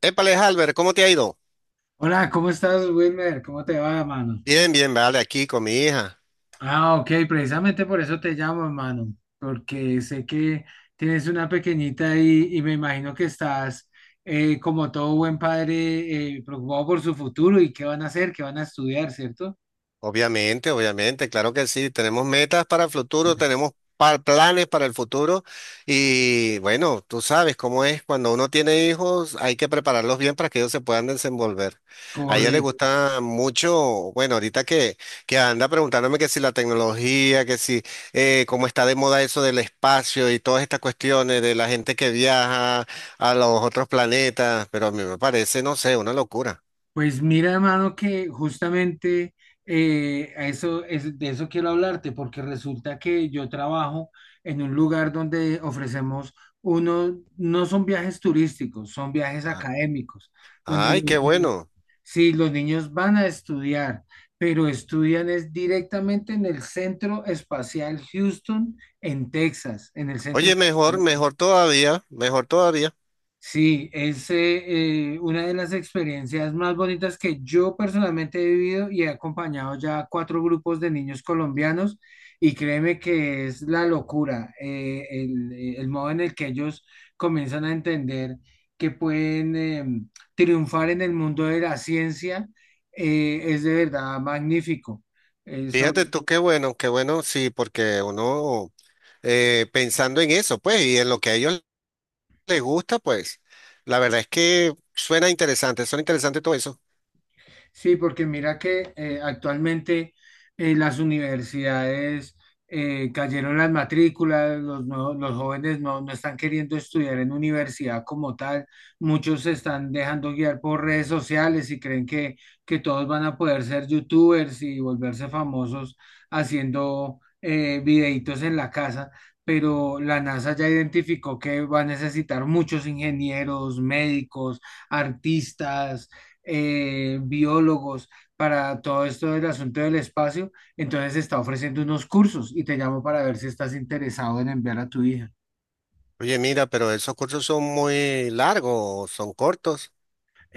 Épale, Albert, ¿cómo te ha ido? Hola, ¿cómo estás, Wilmer? ¿Cómo te va, mano? Bien, bien, vale, aquí con mi hija. Ah, ok, precisamente por eso te llamo, mano, porque sé que tienes una pequeñita ahí y me imagino que estás, como todo buen padre, preocupado por su futuro y qué van a hacer, qué van a estudiar, ¿cierto? Obviamente, obviamente, claro que sí. Tenemos metas para el futuro, tenemos planes para el futuro. Y bueno, tú sabes cómo es, cuando uno tiene hijos hay que prepararlos bien para que ellos se puedan desenvolver. A ella le Correcto. gusta mucho, bueno, ahorita que anda preguntándome que si la tecnología, que si cómo está de moda eso del espacio y todas estas cuestiones de la gente que viaja a los otros planetas, pero a mí me parece, no sé, una locura. Pues mira, hermano, que justamente de eso quiero hablarte, porque resulta que yo trabajo en un lugar donde ofrecemos unos, no son viajes turísticos, son viajes Ah, académicos, donde ay, los, qué ni- bueno. sí, los niños van a estudiar, pero estudian es directamente en el Centro Espacial Houston, en Texas, en el Centro Oye, mejor, Espacial. mejor todavía, mejor todavía. Sí, es una de las experiencias más bonitas que yo personalmente he vivido y he acompañado ya a cuatro grupos de niños colombianos y créeme que es la locura, el modo en el que ellos comienzan a entender que pueden triunfar en el mundo de la ciencia, es de verdad magnífico. Sobre Fíjate tú qué bueno, sí, porque uno, pensando en eso, pues, y en lo que a ellos les gusta, pues, la verdad es que suena interesante todo eso. Sí, porque mira que actualmente las universidades cayeron las matrículas, los jóvenes no, no están queriendo estudiar en universidad como tal, muchos se están dejando guiar por redes sociales y creen que todos van a poder ser youtubers y volverse famosos haciendo videitos en la casa. Pero la NASA ya identificó que va a necesitar muchos ingenieros, médicos, artistas, biólogos para todo esto del asunto del espacio, entonces está ofreciendo unos cursos y te llamo para ver si estás interesado en enviar a tu hija. Oye, mira, pero ¿esos cursos son muy largos, son cortos?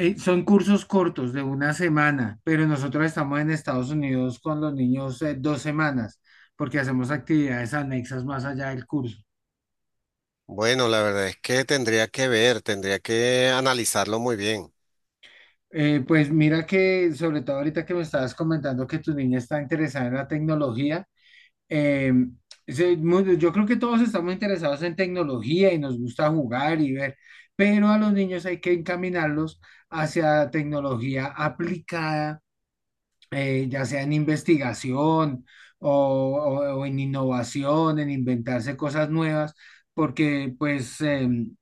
Son cursos cortos de una semana, pero nosotros estamos en Estados Unidos con los niños 2 semanas, porque hacemos actividades anexas más allá del curso. Bueno, la verdad es que tendría que ver, tendría que analizarlo muy bien. Pues mira que sobre todo ahorita que me estabas comentando que tu niña está interesada en la tecnología. Eh, yo creo que todos estamos interesados en tecnología y nos gusta jugar y ver, pero a los niños hay que encaminarlos hacia tecnología aplicada, ya sea en investigación o, o en innovación, en inventarse cosas nuevas, porque pues,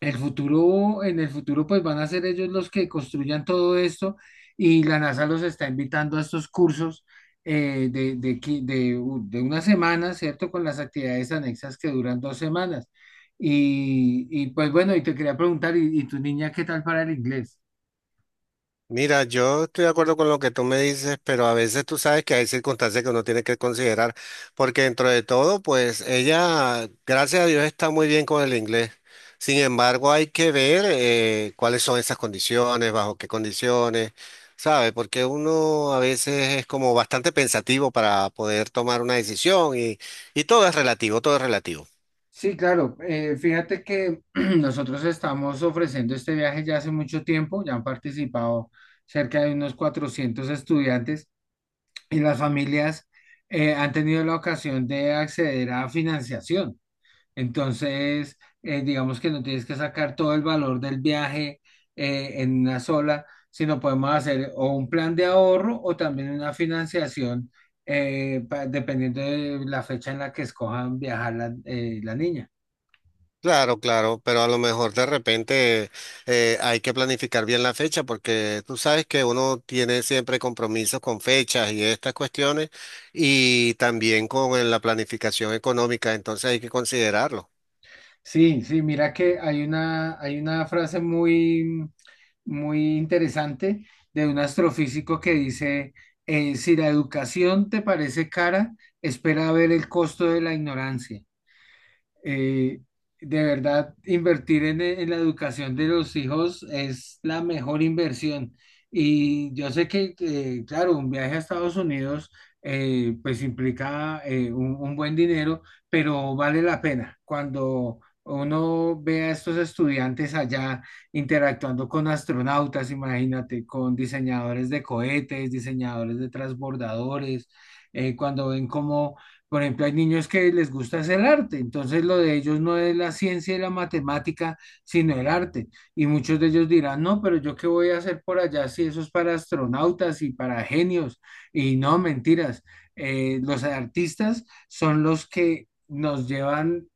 en el futuro, pues van a ser ellos los que construyan todo esto y la NASA los está invitando a estos cursos de, qui- de u- de una semana, ¿cierto? Con las actividades anexas que duran 2 semanas. Y, pues bueno, y te quería preguntar, ¿y tu niña qué tal para el inglés? Mira, yo estoy de acuerdo con lo que tú me dices, pero a veces tú sabes que hay circunstancias que uno tiene que considerar, porque dentro de todo, pues ella, gracias a Dios, está muy bien con el inglés. Sin embargo, hay que ver cuáles son esas condiciones, bajo qué condiciones, ¿sabes? Porque uno a veces es como bastante pensativo para poder tomar una decisión y todo es relativo, todo es relativo. Sí, claro. Fíjate que nosotros estamos ofreciendo este viaje ya hace mucho tiempo, ya han participado cerca de unos 400 estudiantes. Y las familias han tenido la ocasión de acceder a financiación. Entonces, digamos que no tienes que sacar todo el valor del viaje en una sola, sino podemos hacer o un plan de ahorro o también una financiación, dependiendo de la fecha en la que escojan viajar la niña. Claro, claro, pero a lo mejor de repente, hay que planificar bien la fecha porque tú sabes que uno tiene siempre compromisos con fechas y estas cuestiones, y también con la planificación económica, entonces hay que considerarlo. Sí, sí, mira que hay una frase muy, muy interesante de un astrofísico que dice, si la educación te parece cara, espera a ver el costo de la ignorancia. eh, de verdad, invertir en la educación de los hijos es la mejor inversión. Y yo sé que, claro, un viaje a Estados Unidos pues implica un buen dinero, pero vale la pena. Cuando uno ve a estos estudiantes allá interactuando con astronautas, imagínate, con diseñadores de cohetes, diseñadores de transbordadores, cuando ven cómo, por ejemplo, hay niños que les gusta hacer arte, entonces lo de ellos no es la ciencia y la matemática, sino el arte. Y muchos de ellos dirán, no, pero yo qué voy a hacer por allá si eso es para astronautas y para genios. Y no, mentiras. Los artistas son los que nos llevan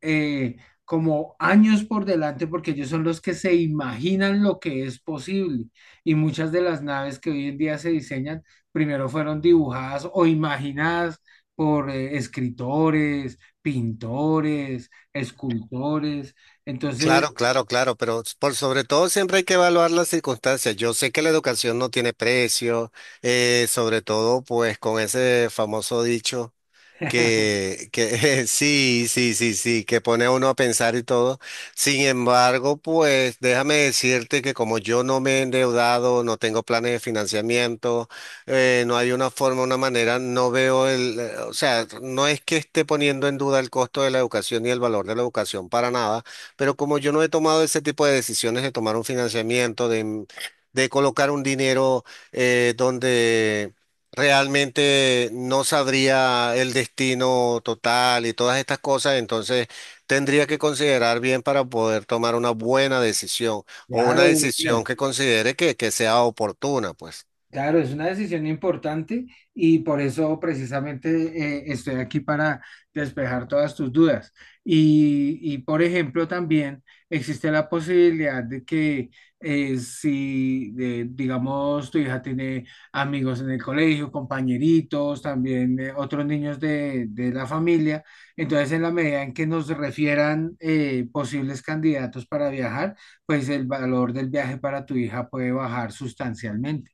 eh, como años por delante porque ellos son los que se imaginan lo que es posible. Y muchas de las naves que hoy en día se diseñan primero fueron dibujadas o imaginadas por escritores, pintores, escultores. Entonces. Claro, claro, claro, pero por sobre todo siempre hay que evaluar las circunstancias. Yo sé que la educación no tiene precio, sobre todo pues con ese famoso dicho. Que sí, sí, sí, sí, que pone a uno a pensar y todo. Sin embargo, pues déjame decirte que como yo no me he endeudado, no tengo planes de financiamiento, no hay una forma, una manera, no veo el, o sea, no es que esté poniendo en duda el costo de la educación y el valor de la educación para nada, pero como yo no he tomado ese tipo de decisiones de tomar un financiamiento, de colocar un dinero donde realmente no sabría el destino total y todas estas cosas, entonces tendría que considerar bien para poder tomar una buena decisión, o una Claro, decisión bueno, que considere que sea oportuna, pues. claro, es una decisión importante y por eso precisamente estoy aquí para despejar todas tus dudas. Y, por ejemplo, también existe la posibilidad de que si, digamos, tu hija tiene amigos en el colegio, compañeritos, también otros niños de la familia, entonces en la medida en que nos refieran posibles candidatos para viajar, pues el valor del viaje para tu hija puede bajar sustancialmente.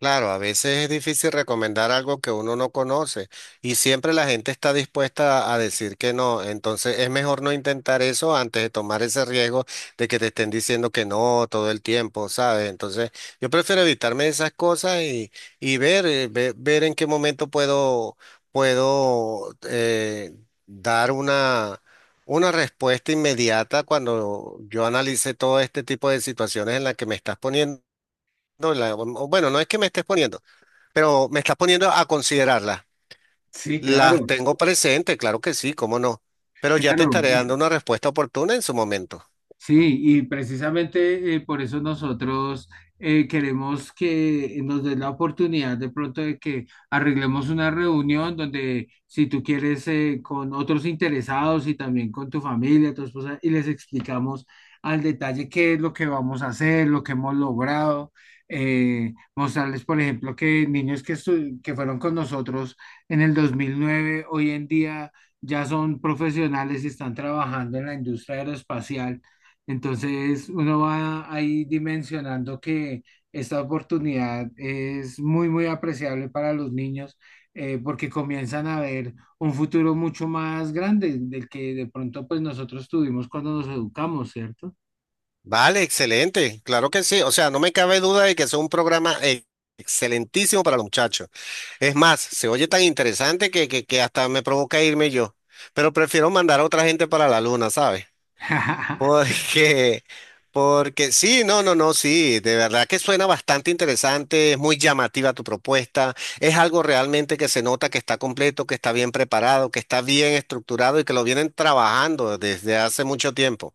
Claro, a veces es difícil recomendar algo que uno no conoce y siempre la gente está dispuesta a decir que no. Entonces es mejor no intentar eso antes de tomar ese riesgo de que te estén diciendo que no todo el tiempo, ¿sabes? Entonces yo prefiero evitarme esas cosas y ver, ver, en qué momento puedo, puedo dar una respuesta inmediata cuando yo analice todo este tipo de situaciones en las que me estás poniendo. O bueno, no es que me estés poniendo. Pero me estás poniendo a considerarlas. Sí, Las claro, tengo presente, claro que sí, cómo no. Pero ya te claro. estaré dando una respuesta oportuna en su momento. Sí, y precisamente por eso nosotros queremos que nos den la oportunidad de pronto de que arreglemos una reunión donde si tú quieres con otros interesados y también con tu familia, tu esposa, y les explicamos al detalle qué es lo que vamos a hacer, lo que hemos logrado, mostrarles, por ejemplo, que niños que fueron con nosotros en el 2009 hoy en día ya son profesionales y están trabajando en la industria aeroespacial, entonces uno va ahí dimensionando que esta oportunidad es muy, muy apreciable para los niños, porque comienzan a ver un futuro mucho más grande del que de pronto pues nosotros tuvimos cuando nos educamos, ¿cierto? Vale, excelente, claro que sí. O sea, no me cabe duda de que es un programa excelentísimo para los muchachos. Es más, se oye tan interesante que hasta me provoca irme yo. Pero prefiero mandar a otra gente para la luna, ¿sabes? Porque, porque sí, no, no, no, sí, de verdad que suena bastante interesante, es muy llamativa tu propuesta, es algo realmente que se nota que está completo, que está bien preparado, que está bien estructurado y que lo vienen trabajando desde hace mucho tiempo.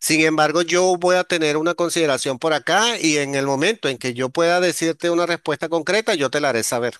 Sin embargo, yo voy a tener una consideración por acá y en el momento en que yo pueda decirte una respuesta concreta, yo te la haré saber.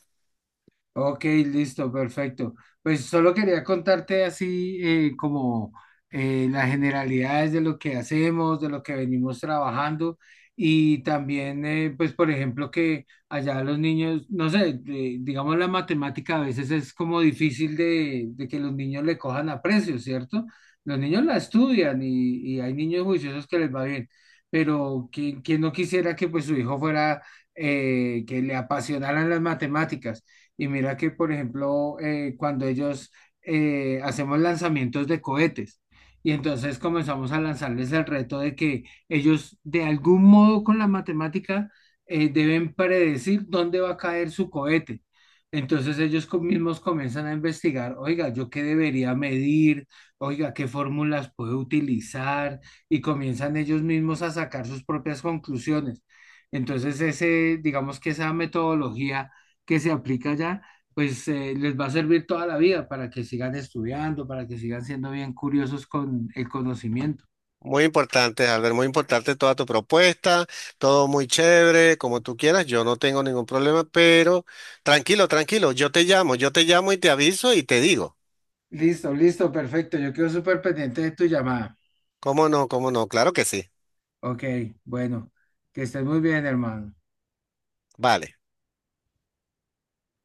Ok, listo, perfecto. Pues solo quería contarte así como las generalidades de lo que hacemos, de lo que venimos trabajando y también, pues por ejemplo, que allá los niños, no sé, digamos la matemática a veces es como difícil de que los niños le cojan aprecio, ¿cierto? Los niños la estudian y hay niños juiciosos que les va bien, pero ¿quién no quisiera que pues su hijo fuera, que le apasionaran las matemáticas? Y mira que, por ejemplo, cuando ellos hacemos lanzamientos de cohetes, y entonces comenzamos a lanzarles el reto de que ellos, de algún modo con la matemática, deben predecir dónde va a caer su cohete. Entonces ellos mismos comienzan a investigar, oiga, ¿yo qué debería medir? Oiga, ¿qué fórmulas puedo utilizar? Y comienzan ellos mismos a sacar sus propias conclusiones. Entonces ese, digamos que esa metodología que se aplica allá, pues les va a servir toda la vida para que sigan estudiando, para que sigan siendo bien curiosos con el conocimiento. Muy importante, Albert, muy importante toda tu propuesta, todo muy chévere, como tú quieras, yo no tengo ningún problema, pero tranquilo, tranquilo, yo te llamo y te aviso y te digo. Listo, listo, perfecto. Yo quedo súper pendiente de tu llamada. ¿Cómo no? ¿Cómo no? Claro que sí. Ok, bueno, que estés muy bien, hermano. Vale.